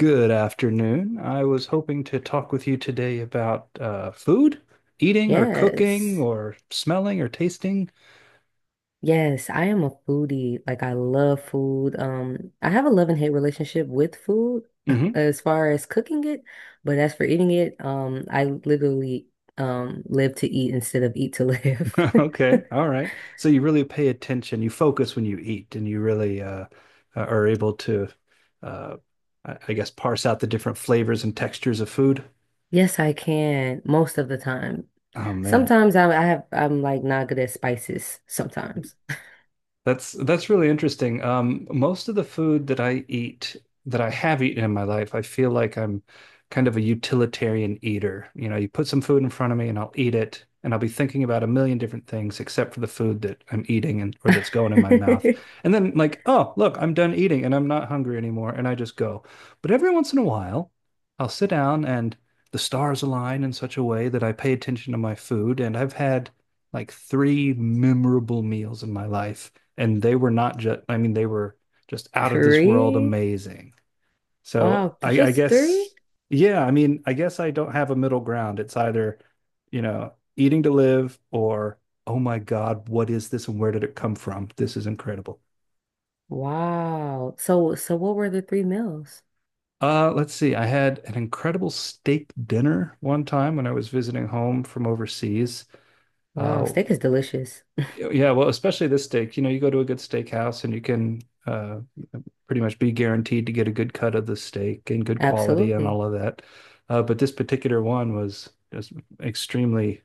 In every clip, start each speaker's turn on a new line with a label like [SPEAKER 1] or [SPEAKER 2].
[SPEAKER 1] Good afternoon. I was hoping to talk with you today about food, eating or cooking
[SPEAKER 2] Yes.
[SPEAKER 1] or smelling or tasting.
[SPEAKER 2] Yes, I am a foodie. Like I love food. I have a love and hate relationship with food
[SPEAKER 1] Hmm.
[SPEAKER 2] as far as cooking it, but as for eating it, I literally live to eat instead of eat to live.
[SPEAKER 1] Okay. All right. So you really pay attention. You focus when you eat and you really are able to, uh, I guess, parse out the different flavors and textures of food.
[SPEAKER 2] Yes, I can most of the time.
[SPEAKER 1] Oh, man.
[SPEAKER 2] Sometimes I'm like not good at spices sometimes.
[SPEAKER 1] That's really interesting. Most of the food that I eat, that I have eaten in my life, I feel like I'm kind of a utilitarian eater. You know, you put some food in front of me and I'll eat it, and I'll be thinking about a million different things except for the food that I'm eating and or that's going in my mouth. And then like, oh, look, I'm done eating and I'm not hungry anymore, and I just go. But every once in a while, I'll sit down and the stars align in such a way that I pay attention to my food, and I've had like three memorable meals in my life and they were not just, I mean, they were just out of this world
[SPEAKER 2] Three?
[SPEAKER 1] amazing. So
[SPEAKER 2] Wow,
[SPEAKER 1] I
[SPEAKER 2] just three?
[SPEAKER 1] guess, yeah, I mean, I guess I don't have a middle ground. It's either, you know, eating to live or, oh my God, what is this and where did it come from? This is incredible.
[SPEAKER 2] Wow. So what were the three meals?
[SPEAKER 1] Let's see. I had an incredible steak dinner one time when I was visiting home from overseas.
[SPEAKER 2] Wow,
[SPEAKER 1] Uh,
[SPEAKER 2] steak is delicious.
[SPEAKER 1] Yeah, well, especially this steak. You know, you go to a good steakhouse and you can uh, pretty much be guaranteed to get a good cut of the steak and good quality and
[SPEAKER 2] Absolutely.
[SPEAKER 1] all of that. But this particular one was just extremely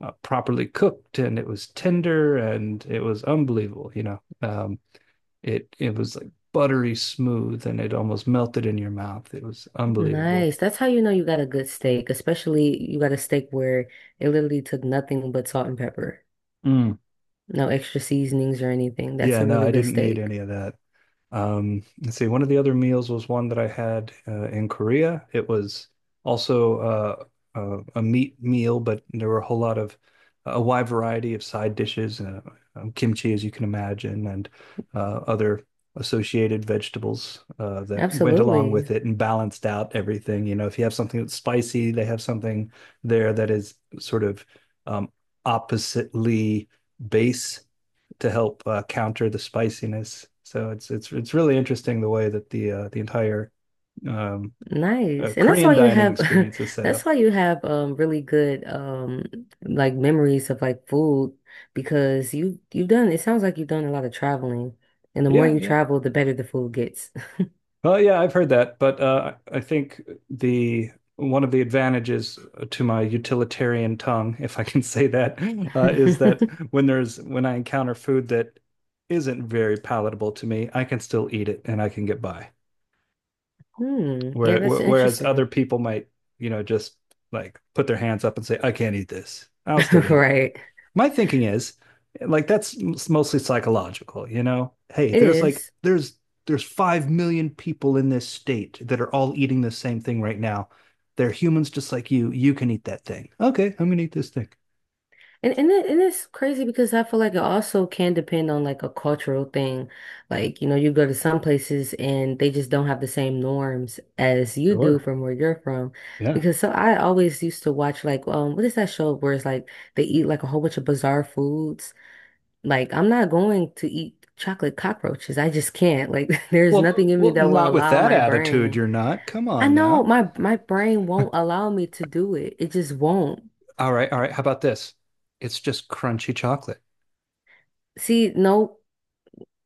[SPEAKER 1] properly cooked and it was tender and it was unbelievable. You know, it was like buttery smooth and it almost melted in your mouth. It was unbelievable.
[SPEAKER 2] Nice. That's how you know you got a good steak, especially you got a steak where it literally took nothing but salt and pepper.
[SPEAKER 1] Mm.
[SPEAKER 2] No extra seasonings or anything. That's
[SPEAKER 1] Yeah,
[SPEAKER 2] a
[SPEAKER 1] no,
[SPEAKER 2] really
[SPEAKER 1] I
[SPEAKER 2] good
[SPEAKER 1] didn't need
[SPEAKER 2] steak.
[SPEAKER 1] any of that. Let's see, one of the other meals was one that I had in Korea. It was also a meat meal, but there were a whole lot of a wide variety of side dishes, kimchi, as you can imagine, and other associated vegetables that went along
[SPEAKER 2] Absolutely.
[SPEAKER 1] with it and balanced out everything. You know, if you have something that's spicy, they have something there that is sort of um, oppositely base to help counter the spiciness. So it's really interesting the way that the entire um,
[SPEAKER 2] Nice. And that's why
[SPEAKER 1] Korean
[SPEAKER 2] you
[SPEAKER 1] dining
[SPEAKER 2] have
[SPEAKER 1] experience is set
[SPEAKER 2] that's
[SPEAKER 1] up.
[SPEAKER 2] why you have really good like memories of like food because you've done it sounds like you've done a lot of traveling. And the more
[SPEAKER 1] Yeah,
[SPEAKER 2] you
[SPEAKER 1] yeah.
[SPEAKER 2] travel, the better the food gets.
[SPEAKER 1] Well, yeah, I've heard that, but I think the one of the advantages to my utilitarian tongue, if I can say that, is that when I encounter food that isn't very palatable to me, I can still eat it and I can get by.
[SPEAKER 2] Hmm. Yeah, that's
[SPEAKER 1] Whereas other
[SPEAKER 2] interesting.
[SPEAKER 1] people might, you know, just like put their hands up and say, I can't eat this. I'll still eat it.
[SPEAKER 2] Right.
[SPEAKER 1] My thinking is like that's mostly psychological, you know? Hey,
[SPEAKER 2] It is.
[SPEAKER 1] there's 5 million people in this state that are all eating the same thing right now. They're humans just like you. You can eat that thing. Okay, I'm gonna eat this thing.
[SPEAKER 2] And it's crazy because I feel like it also can depend on like a cultural thing. Like, you know, you go to some places and they just don't have the same norms as you do
[SPEAKER 1] Sure.
[SPEAKER 2] from where you're from.
[SPEAKER 1] Yeah.
[SPEAKER 2] Because so I always used to watch like what is that show where it's like they eat like a whole bunch of bizarre foods. Like I'm not going to eat chocolate cockroaches. I just can't. Like there's nothing
[SPEAKER 1] Well,
[SPEAKER 2] in me
[SPEAKER 1] well,
[SPEAKER 2] that will
[SPEAKER 1] not with
[SPEAKER 2] allow
[SPEAKER 1] that
[SPEAKER 2] my
[SPEAKER 1] attitude,
[SPEAKER 2] brain.
[SPEAKER 1] you're not. Come
[SPEAKER 2] I
[SPEAKER 1] on
[SPEAKER 2] know
[SPEAKER 1] now.
[SPEAKER 2] my brain won't allow me to do it. It just won't.
[SPEAKER 1] All right, all right. How about this? It's just crunchy chocolate.
[SPEAKER 2] See, no.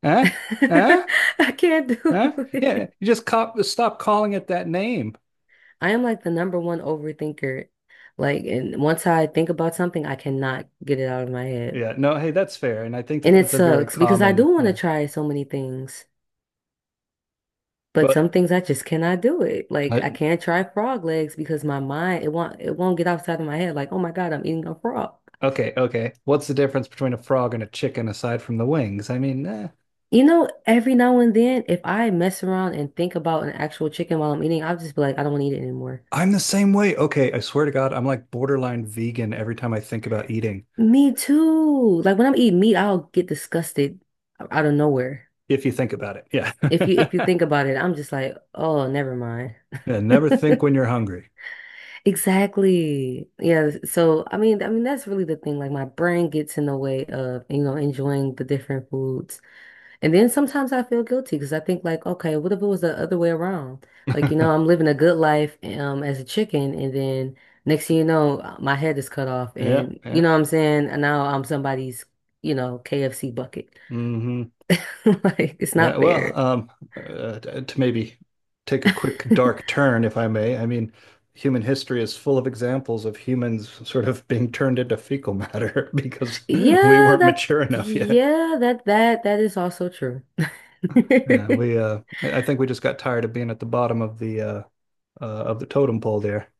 [SPEAKER 1] Huh? Huh?
[SPEAKER 2] I can't
[SPEAKER 1] Huh?
[SPEAKER 2] do
[SPEAKER 1] Yeah,
[SPEAKER 2] it.
[SPEAKER 1] you just cop stop calling it that name.
[SPEAKER 2] I am like the number one overthinker. Like, and once I think about something, I cannot get it out of my head.
[SPEAKER 1] Yeah, no, hey, that's fair, and I think that
[SPEAKER 2] And it
[SPEAKER 1] that's a very
[SPEAKER 2] sucks because I do
[SPEAKER 1] common.
[SPEAKER 2] want to
[SPEAKER 1] Yeah,
[SPEAKER 2] try so many things, but
[SPEAKER 1] but
[SPEAKER 2] some things I just cannot do it. Like,
[SPEAKER 1] uh,
[SPEAKER 2] I can't try frog legs because my mind, it won't get outside of my head. Like, oh my God, I'm eating a frog.
[SPEAKER 1] okay. What's the difference between a frog and a chicken aside from the wings? I mean, eh,
[SPEAKER 2] You know, every now and then, if I mess around and think about an actual chicken while I'm eating, I'll just be like, I don't want to eat it anymore.
[SPEAKER 1] I'm the same way. Okay, I swear to God, I'm like borderline vegan every time I think about eating.
[SPEAKER 2] Me too. Like when I'm eating meat, I'll get disgusted out of nowhere.
[SPEAKER 1] If you think about it, yeah,
[SPEAKER 2] If you think about it, I'm just like, oh, never mind.
[SPEAKER 1] yeah. Never think when you're hungry.
[SPEAKER 2] Exactly. Yeah. So I mean, that's really the thing. Like my brain gets in the way of, you know, enjoying the different foods. And then sometimes I feel guilty because I think like, okay, what if it was the other way around? Like, you know, I'm living a good life as a chicken and then next thing you know, my head is cut off
[SPEAKER 1] Yeah,
[SPEAKER 2] and you
[SPEAKER 1] yeah.
[SPEAKER 2] know what I'm saying? And now I'm somebody's, you know, KFC bucket.
[SPEAKER 1] Hmm.
[SPEAKER 2] Like, it's
[SPEAKER 1] Yeah,
[SPEAKER 2] not
[SPEAKER 1] well,
[SPEAKER 2] fair.
[SPEAKER 1] uh, to maybe take a quick dark turn, if I may. I mean, human history is full of examples of humans sort of being turned into fecal matter because we
[SPEAKER 2] Yeah,
[SPEAKER 1] weren't
[SPEAKER 2] that
[SPEAKER 1] mature enough yet.
[SPEAKER 2] yeah, that is also true.
[SPEAKER 1] Yeah, we, I think we just got tired of being at the bottom uh, of the totem pole there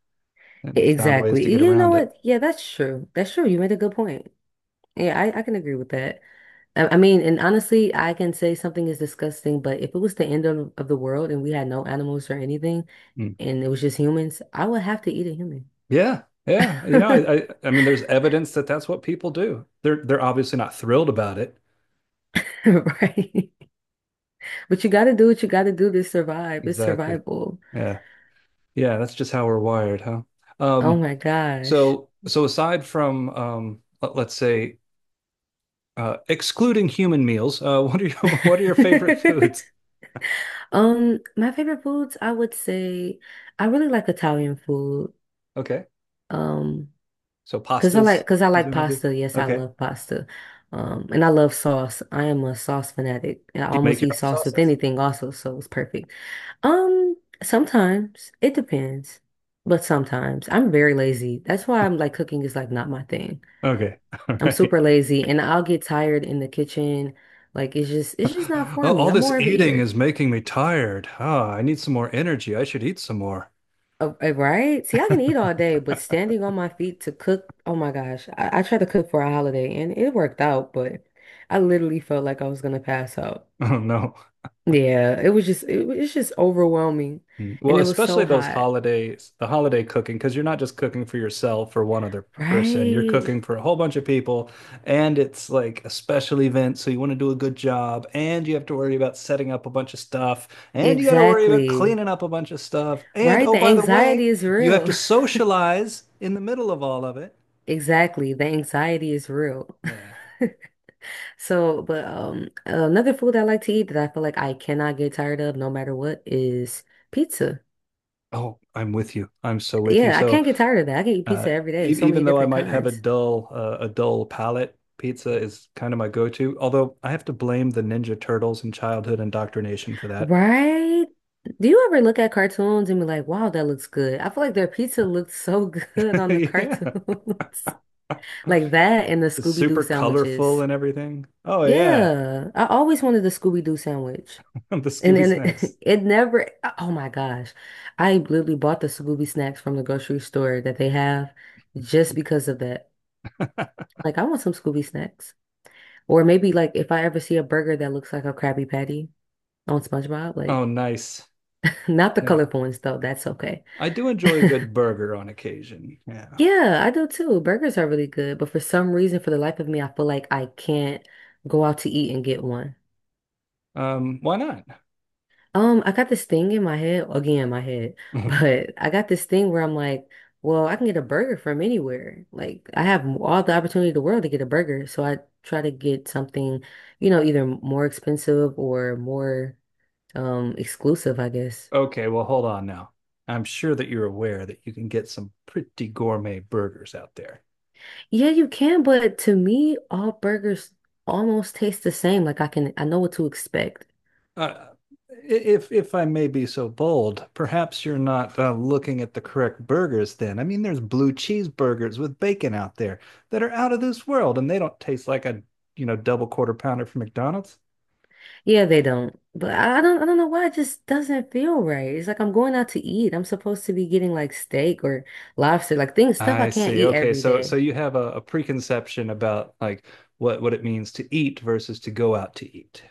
[SPEAKER 1] and found ways
[SPEAKER 2] Exactly.
[SPEAKER 1] to get
[SPEAKER 2] You know
[SPEAKER 1] around it.
[SPEAKER 2] what? Yeah, that's true. That's true. You made a good point. Yeah, I can agree with that. I mean, and honestly, I can say something is disgusting, but if it was the end of the world and we had no animals or anything,
[SPEAKER 1] Mm.
[SPEAKER 2] and it was just humans, I would have to eat a human.
[SPEAKER 1] Yeah, yeah. You know, I mean, there's evidence that that's what people do. They're obviously not thrilled about it.
[SPEAKER 2] Right? But you gotta do what you gotta do to survive. It's
[SPEAKER 1] Exactly.
[SPEAKER 2] survival.
[SPEAKER 1] Yeah, yeah. That's just how we're wired, huh?
[SPEAKER 2] Oh
[SPEAKER 1] Um,
[SPEAKER 2] my gosh.
[SPEAKER 1] So, so aside from us say excluding human meals, what are your what are your favorite foods?
[SPEAKER 2] My favorite foods, I would say I really like Italian food.
[SPEAKER 1] Okay,
[SPEAKER 2] Um,
[SPEAKER 1] so pastas,
[SPEAKER 2] Cause I like
[SPEAKER 1] presumably.
[SPEAKER 2] pasta. Yes, I
[SPEAKER 1] Okay,
[SPEAKER 2] love pasta. And I love sauce. I am a sauce fanatic. And I
[SPEAKER 1] do you make
[SPEAKER 2] almost
[SPEAKER 1] your
[SPEAKER 2] eat
[SPEAKER 1] own
[SPEAKER 2] sauce with
[SPEAKER 1] sauces?
[SPEAKER 2] anything also, so it's perfect. Um, sometimes it depends, but sometimes I'm very lazy. That's why I'm like cooking is like not my thing.
[SPEAKER 1] Okay, all
[SPEAKER 2] I'm
[SPEAKER 1] right.
[SPEAKER 2] super lazy and I'll get tired in the kitchen. Like it's just not
[SPEAKER 1] Oh,
[SPEAKER 2] for me.
[SPEAKER 1] all
[SPEAKER 2] I'm
[SPEAKER 1] this
[SPEAKER 2] more of an
[SPEAKER 1] eating
[SPEAKER 2] eater.
[SPEAKER 1] is making me tired. Ah, I need some more energy. I should eat some more.
[SPEAKER 2] Right? See, I can eat all day, but standing on my feet to cook, oh my gosh. I tried to cook for a holiday and it worked out, but I literally felt like I was gonna pass out.
[SPEAKER 1] Oh no.
[SPEAKER 2] Yeah, it was just it, was- it's just overwhelming.
[SPEAKER 1] Mm. Well,
[SPEAKER 2] And it was
[SPEAKER 1] especially
[SPEAKER 2] so
[SPEAKER 1] those
[SPEAKER 2] hot.
[SPEAKER 1] holidays, the holiday cooking, because you're not just cooking for yourself or one other person. You're
[SPEAKER 2] Right.
[SPEAKER 1] cooking for a whole bunch of people, and it's like a special event, so you want to do a good job, and you have to worry about setting up a bunch of stuff, and you got to worry about
[SPEAKER 2] Exactly.
[SPEAKER 1] cleaning up a bunch of stuff, and
[SPEAKER 2] Right.
[SPEAKER 1] oh,
[SPEAKER 2] The
[SPEAKER 1] by the way,
[SPEAKER 2] anxiety is
[SPEAKER 1] you have to
[SPEAKER 2] real.
[SPEAKER 1] socialize in the middle of all of it.
[SPEAKER 2] Exactly. The anxiety is real.
[SPEAKER 1] Yeah.
[SPEAKER 2] So, but another food I like to eat that I feel like I cannot get tired of no matter what is pizza.
[SPEAKER 1] Oh, I'm with you. I'm so with you.
[SPEAKER 2] Yeah, I
[SPEAKER 1] So
[SPEAKER 2] can't get tired of that. I can eat
[SPEAKER 1] Uh,
[SPEAKER 2] pizza every day, so many
[SPEAKER 1] even though I
[SPEAKER 2] different
[SPEAKER 1] might have
[SPEAKER 2] kinds.
[SPEAKER 1] a dull palate, pizza is kind of my go-to. Although I have to blame the Ninja Turtles and childhood indoctrination for that.
[SPEAKER 2] Right? Do you ever look at cartoons and be like, wow, that looks good? I feel like their pizza looks so good on the
[SPEAKER 1] Yeah,
[SPEAKER 2] cartoons. Like that and the
[SPEAKER 1] it's
[SPEAKER 2] Scooby-Doo
[SPEAKER 1] super colorful
[SPEAKER 2] sandwiches.
[SPEAKER 1] and everything. Oh yeah,
[SPEAKER 2] Yeah, I always wanted the Scooby-Doo sandwich.
[SPEAKER 1] the
[SPEAKER 2] And
[SPEAKER 1] Scooby
[SPEAKER 2] then
[SPEAKER 1] snacks.
[SPEAKER 2] it, it never, oh my gosh. I literally bought the Scooby snacks from the grocery store that they have just because of that. Like, I want some Scooby snacks. Or maybe like if I ever see a burger that looks like a Krabby Patty on SpongeBob. Like,
[SPEAKER 1] Oh nice.
[SPEAKER 2] not the
[SPEAKER 1] Yeah,
[SPEAKER 2] colorful ones though. That's okay.
[SPEAKER 1] I do enjoy a good burger on occasion. Yeah.
[SPEAKER 2] Yeah, I do too. Burgers are really good, but for some reason, for the life of me, I feel like I can't go out to eat and get one.
[SPEAKER 1] Why not?
[SPEAKER 2] I got this thing in my head, again, my head, but I got this thing where I'm like, well, I can get a burger from anywhere. Like, I have all the opportunity in the world to get a burger, so I try to get something, you know, either more expensive or more exclusive, I guess.
[SPEAKER 1] Okay, well hold on now. I'm sure that you're aware that you can get some pretty gourmet burgers out there.
[SPEAKER 2] Yeah, you can, but to me, all burgers almost taste the same. Like I know what to expect.
[SPEAKER 1] Uh, if I may be so bold, perhaps you're not looking at the correct burgers then. I mean, there's blue cheeseburgers with bacon out there that are out of this world, and they don't taste like a, you know, double quarter pounder from McDonald's.
[SPEAKER 2] Yeah, they don't, but I don't know why it just doesn't feel right. It's like I'm going out to eat. I'm supposed to be getting like steak or lobster, like things, stuff I
[SPEAKER 1] I
[SPEAKER 2] can't
[SPEAKER 1] see.
[SPEAKER 2] eat
[SPEAKER 1] Okay,
[SPEAKER 2] every
[SPEAKER 1] so so
[SPEAKER 2] day.
[SPEAKER 1] you have a preconception about like what it means to eat versus to go out to eat.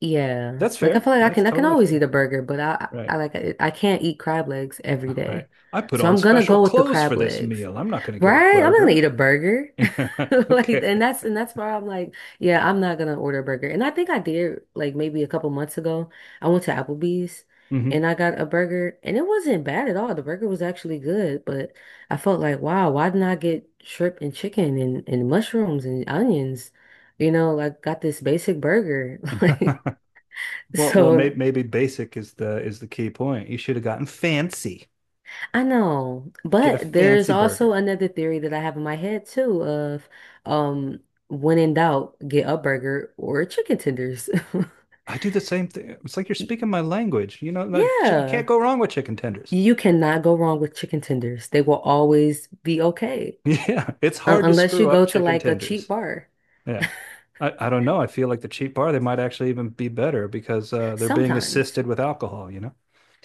[SPEAKER 2] Yeah,
[SPEAKER 1] That's
[SPEAKER 2] like I
[SPEAKER 1] fair.
[SPEAKER 2] feel like
[SPEAKER 1] That's
[SPEAKER 2] I can
[SPEAKER 1] totally
[SPEAKER 2] always eat
[SPEAKER 1] fair.
[SPEAKER 2] a burger, but
[SPEAKER 1] Right.
[SPEAKER 2] I can't eat crab legs every
[SPEAKER 1] Right.
[SPEAKER 2] day.
[SPEAKER 1] I put
[SPEAKER 2] So
[SPEAKER 1] on
[SPEAKER 2] I'm gonna
[SPEAKER 1] special
[SPEAKER 2] go with the
[SPEAKER 1] clothes for
[SPEAKER 2] crab
[SPEAKER 1] this
[SPEAKER 2] legs,
[SPEAKER 1] meal. I'm not going to get a
[SPEAKER 2] right? I'm not gonna
[SPEAKER 1] burger.
[SPEAKER 2] eat a burger. Like,
[SPEAKER 1] Okay.
[SPEAKER 2] and that's where I'm like, yeah, I'm not gonna order a burger. And I think I did like maybe a couple months ago. I went to Applebee's
[SPEAKER 1] Mhm.
[SPEAKER 2] and I got a burger and it wasn't bad at all. The burger was actually good, but I felt like, wow, why didn't I get shrimp and chicken and mushrooms and onions? You know, like got this basic burger. Like
[SPEAKER 1] Well, well,
[SPEAKER 2] so
[SPEAKER 1] maybe, maybe basic is the key point. You should have gotten fancy.
[SPEAKER 2] I know.
[SPEAKER 1] Get a
[SPEAKER 2] But there's
[SPEAKER 1] fancy
[SPEAKER 2] also
[SPEAKER 1] burger.
[SPEAKER 2] another theory that I have in my head too of um when in doubt, get a burger or chicken tenders.
[SPEAKER 1] I do the same thing. It's like you're speaking my language. You know, no, you can't
[SPEAKER 2] Yeah.
[SPEAKER 1] go wrong with chicken tenders.
[SPEAKER 2] You cannot go wrong with chicken tenders. They will always be okay.
[SPEAKER 1] Yeah, it's
[SPEAKER 2] Un
[SPEAKER 1] hard to
[SPEAKER 2] unless you
[SPEAKER 1] screw up
[SPEAKER 2] go to
[SPEAKER 1] chicken
[SPEAKER 2] like a cheap
[SPEAKER 1] tenders.
[SPEAKER 2] bar.
[SPEAKER 1] Yeah. I don't know. I feel like the cheap bar, they might actually even be better because they're being
[SPEAKER 2] Sometimes.
[SPEAKER 1] assisted with alcohol, you know?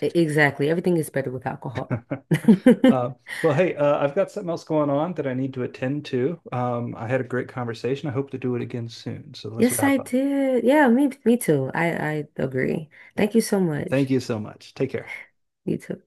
[SPEAKER 2] Exactly. Everything is better with alcohol.
[SPEAKER 1] Uh, well, hey, I've got something else going on that I need to attend to. I had a great conversation. I hope to do it again soon. So let's
[SPEAKER 2] Yes,
[SPEAKER 1] wrap
[SPEAKER 2] I
[SPEAKER 1] up.
[SPEAKER 2] did. Yeah, me too. I agree. Thank you so
[SPEAKER 1] Thank
[SPEAKER 2] much.
[SPEAKER 1] you so much. Take care.
[SPEAKER 2] You too.